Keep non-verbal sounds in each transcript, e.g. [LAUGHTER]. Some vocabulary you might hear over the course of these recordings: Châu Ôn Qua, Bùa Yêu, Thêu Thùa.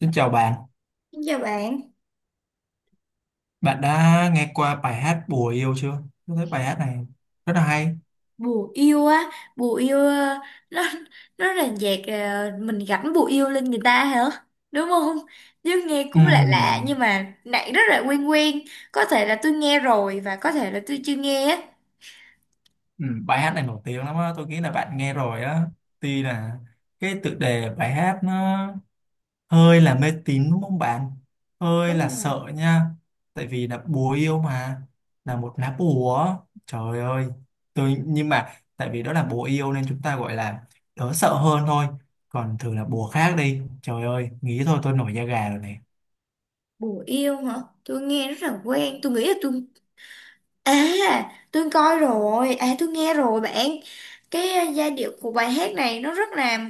Xin chào bạn, Xin chào bạn. bạn đã nghe qua bài hát Bùa Yêu chưa? Tôi thấy bài hát này rất là hay. Bùa yêu á? Bùa yêu, nó nó là nhạc, mình gắn bùa yêu lên người ta hả, đúng không? Chứ nghe cũng lạ lạ Ừm, nhưng mà nãy rất là quen quen. Có thể là tôi nghe rồi và có thể là tôi chưa nghe á. Bài hát này nổi tiếng lắm á, tôi nghĩ là bạn nghe rồi á. Tuy là cái tựa đề bài hát nó hơi là mê tín đúng không bạn? Hơi Đúng là rồi. sợ nha. Tại vì là bùa yêu mà, là một lá bùa. Trời ơi, tôi nhưng mà tại vì đó là bùa yêu nên chúng ta gọi là đỡ sợ hơn thôi. Còn thử là bùa khác đi. Trời ơi, nghĩ thôi tôi nổi da gà rồi này. Bùa yêu hả? Tôi nghe rất là quen, tôi nghĩ là tôi... À, tôi coi rồi, à tôi nghe rồi bạn. Cái giai điệu của bài hát này nó rất là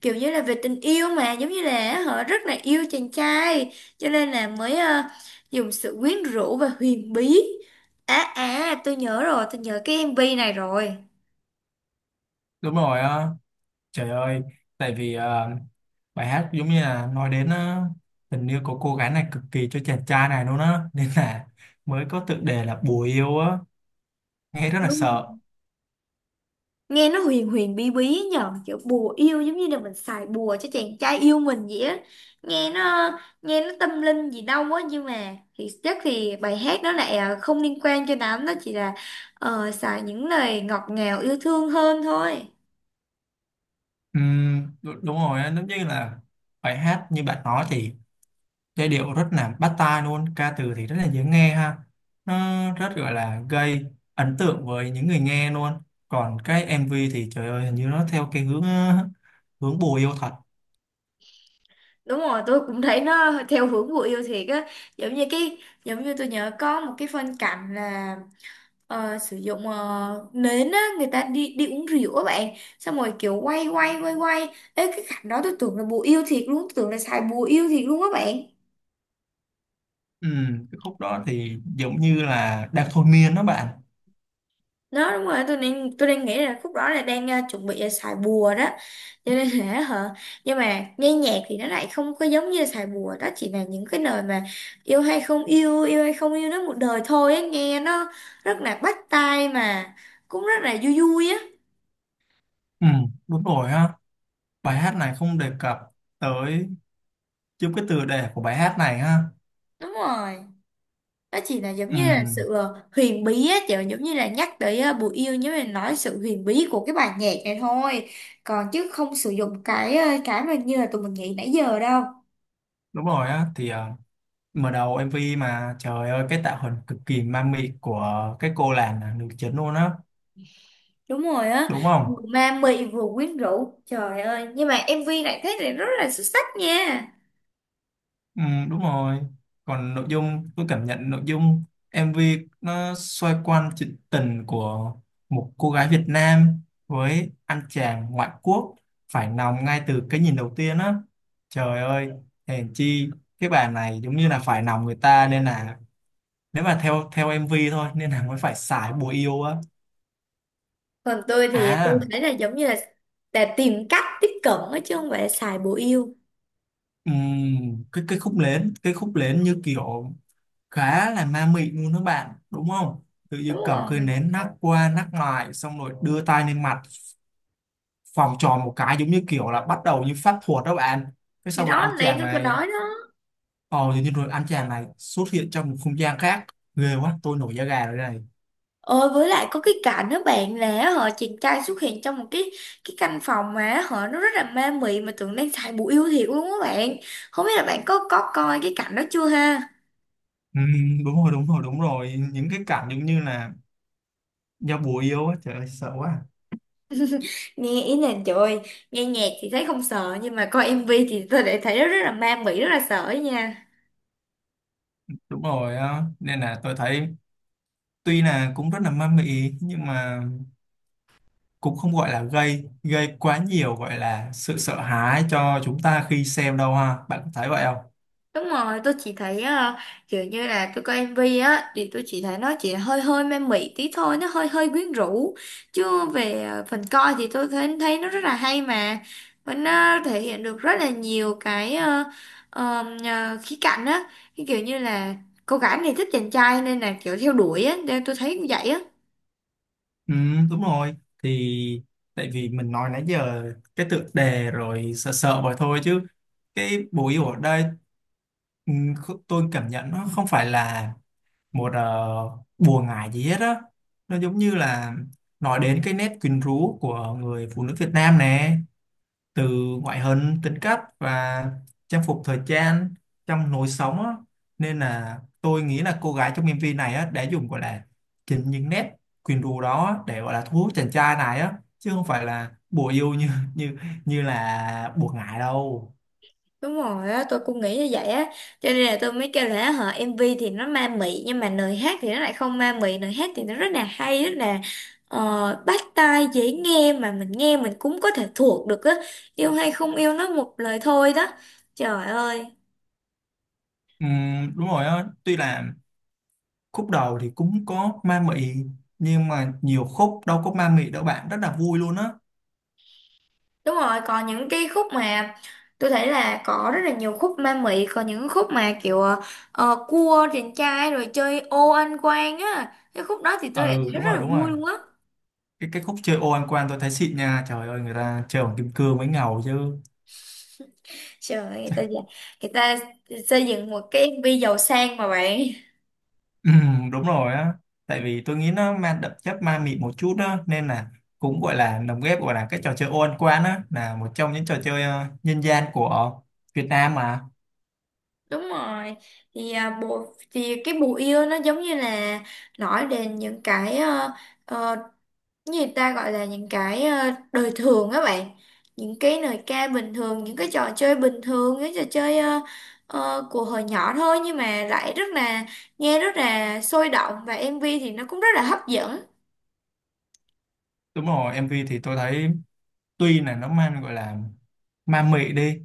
kiểu như là về tình yêu mà, giống như là họ rất là yêu chàng trai, cho nên là mới dùng sự quyến rũ và huyền bí. À, tôi nhớ rồi, tôi nhớ cái MV này rồi. Đúng rồi á, trời ơi, tại vì bài hát giống như là nói đến tình yêu của cô gái này cực kỳ cho chàng trai này luôn á, nên là mới có tựa đề là Bùa Yêu á, nghe rất là Đúng, sợ. nghe nó huyền huyền bí bí nhờ, kiểu bùa yêu giống như là mình xài bùa cho chàng trai yêu mình vậy á. Nghe nó, nghe nó tâm linh gì đâu á, nhưng mà thì chắc thì bài hát đó lại không liên quan cho lắm, nó chỉ là xài những lời ngọt ngào yêu thương hơn thôi. Đúng rồi á, giống như là bài hát như bạn nói thì giai điệu rất là bắt tai luôn, ca từ thì rất là dễ nghe ha, nó rất gọi là gây ấn tượng với những người nghe luôn. Còn cái MV thì trời ơi, hình như nó theo cái hướng hướng bùa yêu thật. Đúng rồi, tôi cũng thấy nó theo hướng bùa yêu thiệt á. Giống như cái, giống như tôi nhớ có một cái phân cảnh là sử dụng nến á, người ta đi đi uống rượu á bạn, xong rồi kiểu quay quay quay quay. Ê, cái cảnh đó tôi tưởng là bùa yêu thiệt luôn, tôi tưởng là xài bùa yêu thiệt luôn á bạn. Ừ, cái khúc đó thì giống như là đang thôi miên đó bạn. Đó đúng rồi, tôi đang nghĩ là khúc đó là đang chuẩn bị là xài bùa đó, cho nên là hả. Nhưng mà nghe nhạc thì nó lại không có giống như là xài bùa đó, chỉ là những cái lời mà yêu hay không yêu nó một đời thôi á, nghe nó rất là bắt tai mà cũng rất là vui vui á. Ừ, đúng rồi ha. Bài hát này không đề cập tới giúp cái tựa đề của bài hát này ha. Đúng rồi, nó chỉ là giống Ừ, như là sự huyền bí á, kiểu giống như là nhắc tới bùi yêu nhưng mà nói sự huyền bí của cái bài nhạc này thôi. Còn chứ không sử dụng cái cái mà như là tụi mình nghĩ nãy giờ đâu. đúng rồi á. Thì mở đầu MV mà trời ơi, cái tạo hình cực kỳ ma mị của cái cô làng là nữ chính luôn á, Đúng rồi á, đúng vừa không? ma mị vừa quyến rũ, trời ơi, nhưng mà MV này thấy thì rất là xuất sắc nha. Ừ, đúng rồi. Còn nội dung, tôi cảm nhận nội dung MV nó xoay quanh chuyện tình của một cô gái Việt Nam với anh chàng ngoại quốc, phải lòng ngay từ cái nhìn đầu tiên á. Trời ơi, hèn chi cái bà này giống như là phải lòng người ta, nên là nếu mà theo theo MV thôi nên là mới phải xài bùa yêu á. Còn tôi thì tôi À, thấy là giống như là tìm cách tiếp cận á chứ không phải là xài bùi yêu. Cái khúc lến như kiểu khá là ma mị luôn đó bạn, đúng không? Tự dưng Đúng cầm cây rồi, nến nắc qua nắc lại, xong rồi đưa tay lên mặt vòng tròn một cái, giống như kiểu là bắt đầu như pháp thuật đó bạn. Cái thì xong rồi đó anh nãy chàng tôi có này nói đó. ờ tự như rồi anh chàng này xuất hiện trong một không gian khác. Ghê quá, tôi nổi da gà rồi đây này. Ôi với lại có cái cảnh đó bạn, là họ chàng trai xuất hiện trong một cái căn phòng mà họ nó rất là ma mị, mà tưởng đang xài bùa yêu thiệt luôn á bạn. Không biết là bạn có coi cái cảnh đó chưa ha. Ừ, đúng rồi, đúng rồi, đúng rồi, những cái cảnh giống như là giao bùa yêu á. Trời ơi, sợ quá. Nghe ý là trời ơi, nghe nhạc thì thấy không sợ, nhưng mà coi MV thì tôi lại thấy nó rất là ma mị, rất là sợ ấy nha. Đúng rồi á, nên là tôi thấy tuy là cũng rất là ma mị nhưng mà cũng không gọi là gây gây quá nhiều gọi là sự sợ hãi cho chúng ta khi xem đâu ha, bạn có thấy vậy không? Đúng rồi, tôi chỉ thấy kiểu như là tôi coi MV á, thì tôi chỉ thấy nó chỉ hơi hơi man mị tí thôi, nó hơi hơi quyến rũ. Chứ về phần coi thì tôi thấy thấy nó rất là hay mà. Và nó thể hiện được rất là nhiều cái ờ, khía cạnh á. Cái kiểu như là cô gái này thích chàng trai nên là kiểu theo đuổi á, nên tôi thấy cũng vậy á. Ừ, đúng rồi. Thì tại vì mình nói nãy giờ cái tựa đề rồi sợ sợ vậy thôi chứ cái bùi yêu ở đây, tôi cảm nhận nó không phải là một bùa ngải gì hết á. Nó giống như là nói đến cái nét quyến rũ của người phụ nữ Việt Nam nè, từ ngoại hình, tính cách và trang phục thời trang, trong lối sống á. Nên là tôi nghĩ là cô gái trong MV này á, đã dùng gọi là chính những nét quyến rũ đó á, để gọi là thu hút chàng trai này á, chứ không phải là bùa yêu như như như là bùa ngải đâu. Đúng rồi á, tôi cũng nghĩ như vậy á. Cho nên là tôi mới kêu là hả, MV thì nó ma mị, nhưng mà lời hát thì nó lại không ma mị. Lời hát thì nó rất là hay, rất là bắt tai, dễ nghe, mà mình nghe mình cũng có thể thuộc được á. Yêu hay không yêu nó một lời thôi đó. Trời ơi. Đúng rồi á, tuy là khúc đầu thì cũng có ma mị nhưng mà nhiều khúc đâu có ma mị đâu bạn, rất là vui luôn á. Đúng rồi, còn những cái khúc mà tôi thấy là có rất là nhiều khúc ma mị. Còn những khúc mà kiểu cua chàng trai rồi chơi ô anh quan á, cái khúc đó thì tôi lại Ừ, thấy đúng rất rồi, là đúng rồi, vui luôn á. cái khúc chơi ô ăn quan tôi thấy xịn nha. Trời ơi, người ta chơi bằng kim cương mới ngầu chứ. Trời ơi, người ta [LAUGHS] người ta xây dựng một cái MV giàu sang mà bạn. Ừ, đúng rồi á, tại vì tôi nghĩ nó mang đậm chất ma mị một chút đó nên là cũng gọi là lồng ghép gọi là cái trò chơi ô ăn quan á, là một trong những trò chơi nhân gian của Việt Nam mà. Đúng rồi. Thì à, bộ thì cái bùa yêu nó giống như là nói đến những cái ờ, như người ta gọi là những cái đời thường á bạn. Những cái lời ca bình thường, những cái trò chơi bình thường, những trò chơi của hồi nhỏ thôi, nhưng mà lại rất là nghe rất là sôi động, và MV thì nó cũng rất là hấp dẫn. Đúng rồi, MV thì tôi thấy tuy là nó mang gọi là ma mị đi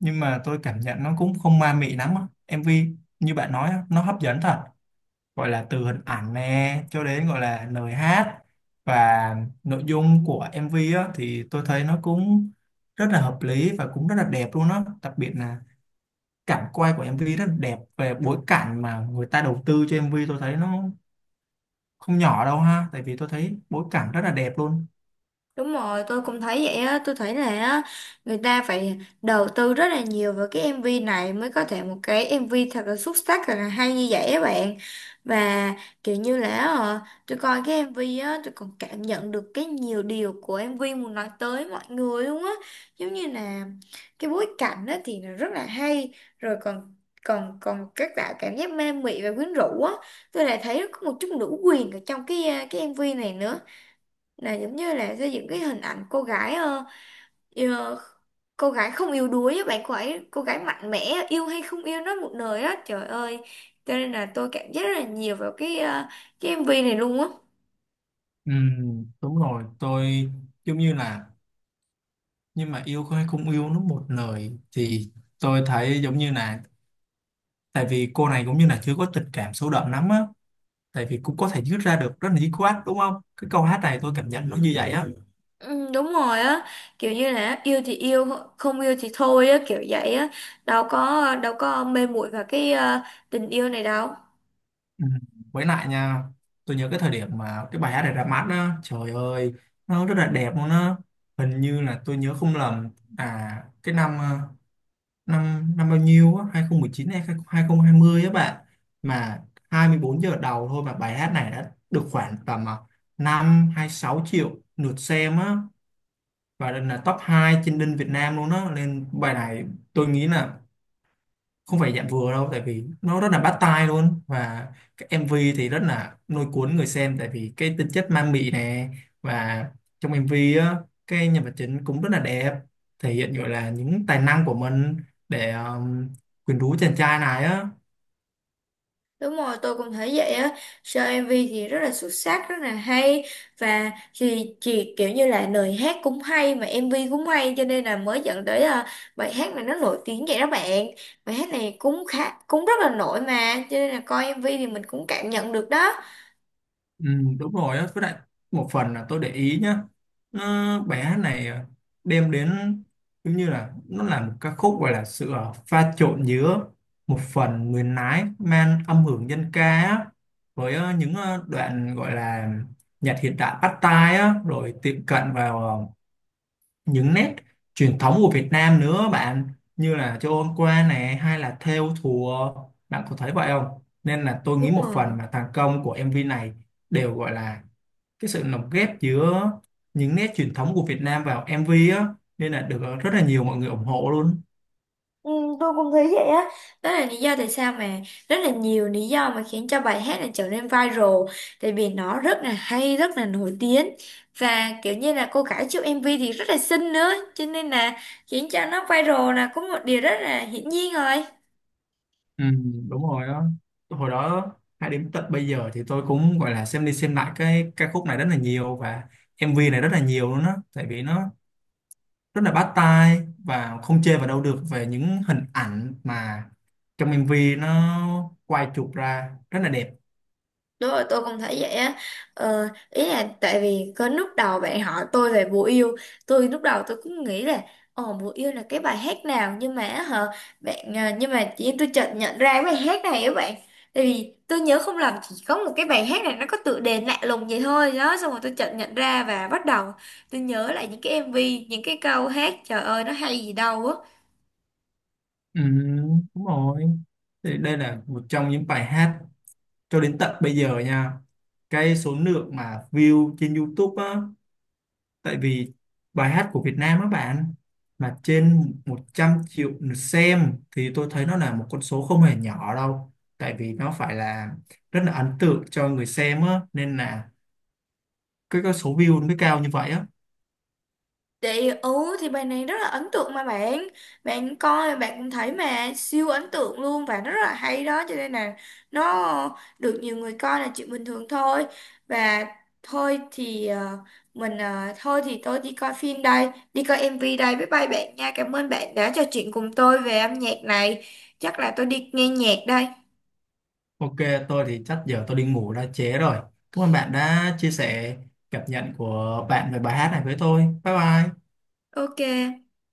nhưng mà tôi cảm nhận nó cũng không ma mị lắm á. MV như bạn nói á, nó hấp dẫn thật, gọi là từ hình ảnh nè cho đến gọi là lời hát và nội dung của MV á, thì tôi thấy nó cũng rất là hợp lý và cũng rất là đẹp luôn á, đặc biệt là cảnh quay của MV rất là đẹp. Về bối cảnh mà người ta đầu tư cho MV, tôi thấy nó không nhỏ đâu ha, tại vì tôi thấy bối cảnh rất là đẹp luôn. Đúng rồi, tôi cũng thấy vậy á, tôi thấy là á, người ta phải đầu tư rất là nhiều vào cái MV này mới có thể một cái MV thật là xuất sắc thật là hay như vậy á bạn. Và kiểu như là tôi coi cái MV á, tôi còn cảm nhận được cái nhiều điều của MV muốn nói tới mọi người luôn á. Giống như là cái bối cảnh á thì nó rất là hay, rồi còn còn còn các tạo cảm giác ma mị và quyến rũ á. Tôi lại thấy có một chút nữ quyền ở trong cái MV này nữa, là giống như là xây dựng cái hình ảnh cô gái ờ, cô gái không yếu đuối á bạn, cô ấy cô gái mạnh mẽ á, yêu hay không yêu nó một đời á, trời ơi. Cho nên là tôi cảm giác rất là nhiều vào cái cái MV này luôn á. Ừ, đúng rồi, tôi giống như là, nhưng mà yêu hay không yêu nó một lời, thì tôi thấy giống như là, tại vì cô này cũng như là chưa có tình cảm sâu đậm lắm á, tại vì cũng có thể rút ra được rất là dứt quát đúng không, cái câu hát này tôi cảm nhận nó như vậy á. Ừ, đúng rồi á, kiểu như là yêu thì yêu, không yêu thì thôi á, kiểu vậy á. Đâu có mê muội vào cái tình yêu này đâu. Ừ. Với lại nha, tôi nhớ cái thời điểm mà cái bài hát này ra mắt á, trời ơi, nó rất là đẹp luôn á. Hình như là tôi nhớ không lầm à, cái năm năm năm bao nhiêu á, 2019 hay 2020 á bạn, mà 24 giờ đầu thôi mà bài hát này đã được khoảng tầm 5 hay 6 triệu lượt xem á, và là top 2 trên đinh Việt Nam luôn á. Nên bài này tôi nghĩ là không phải dạng vừa đâu, tại vì nó rất là bắt tai luôn và cái MV thì rất là lôi cuốn người xem, tại vì cái tính chất ma mị nè. Và trong MV á, cái nhân vật chính cũng rất là đẹp, thể hiện gọi là những tài năng của mình để quyến rũ chàng trai này á. Đúng rồi, tôi cũng thấy vậy á. Show MV thì rất là xuất sắc, rất là hay, và thì chị kiểu như là lời hát cũng hay mà MV cũng hay, cho nên là mới dẫn tới à, bài hát này nó nổi tiếng vậy đó bạn. Bài hát này cũng khá cũng rất là nổi mà, cho nên là coi MV thì mình cũng cảm nhận được đó. Ừ, đúng rồi á. Với lại một phần là tôi để ý nhá, nó, bài hát này đem đến giống như là nó là một ca khúc gọi là sự pha trộn giữa một phần nguyên lái mang âm hưởng dân ca á, với những đoạn gọi là nhạc hiện đại bắt tai á, rồi tiệm cận vào những nét truyền thống của Việt Nam nữa bạn, như là Châu Ôn Qua này hay là Thêu Thùa. Bạn có thấy vậy không? Nên là tôi nghĩ Đúng một rồi. phần mà thành công của MV này đều gọi là cái sự lồng ghép giữa những nét truyền thống của Việt Nam vào MV á, nên là được rất là nhiều mọi người ủng hộ luôn. Ừ, tôi cũng thấy vậy á, đó là lý do tại sao mà, rất là nhiều lý do mà khiến cho bài hát này trở nên viral. Tại vì nó rất là hay rất là nổi tiếng, và kiểu như là cô gái trong MV thì rất là xinh nữa, cho nên là khiến cho nó viral là có một điều rất là hiển nhiên rồi. Ừ, đúng rồi á. Hồi đó hay đến tận bây giờ thì tôi cũng gọi là xem đi xem lại cái ca khúc này rất là nhiều và MV này rất là nhiều luôn á, tại vì nó rất là bắt tai và không chê vào đâu được về những hình ảnh mà trong MV nó quay chụp ra rất là đẹp. Đúng rồi, tôi cũng thấy vậy á. Ờ, ý là tại vì có lúc đầu bạn hỏi tôi về Bùa Yêu, lúc đầu tôi cũng nghĩ là ồ, Bùa Yêu là cái bài hát nào, nhưng mà á hả bạn, nhưng mà chị tôi chợt nhận ra cái bài hát này á bạn. Tại vì tôi nhớ không lầm chỉ có một cái bài hát này nó có tựa đề lạ lùng vậy thôi đó, xong rồi tôi chợt nhận ra và bắt đầu tôi nhớ lại những cái MV, những cái câu hát, trời ơi nó hay gì đâu á. Ừ, đúng rồi. Thì đây là một trong những bài hát cho đến tận bây giờ nha, cái số lượng mà view trên YouTube á, tại vì bài hát của Việt Nam á bạn mà trên 100 triệu lượt xem thì tôi thấy nó là một con số không hề nhỏ đâu, tại vì nó phải là rất là ấn tượng cho người xem á, nên là cái số view nó mới cao như vậy á. Chị, ừ thì bài này rất là ấn tượng mà bạn. Bạn coi bạn cũng thấy mà siêu ấn tượng luôn và rất là hay đó. Cho nên là nó được nhiều người coi là chuyện bình thường thôi. Và thôi thì thôi thì tôi đi coi phim đây, đi coi MV đây, bye bye bạn nha. Cảm ơn bạn đã trò chuyện cùng tôi về âm nhạc này. Chắc là tôi đi nghe nhạc đây. Ok, tôi thì chắc giờ tôi đi ngủ đã trễ rồi. Cảm ơn bạn đã chia sẻ cảm nhận của bạn về bài hát này với tôi. Bye bye. Ok.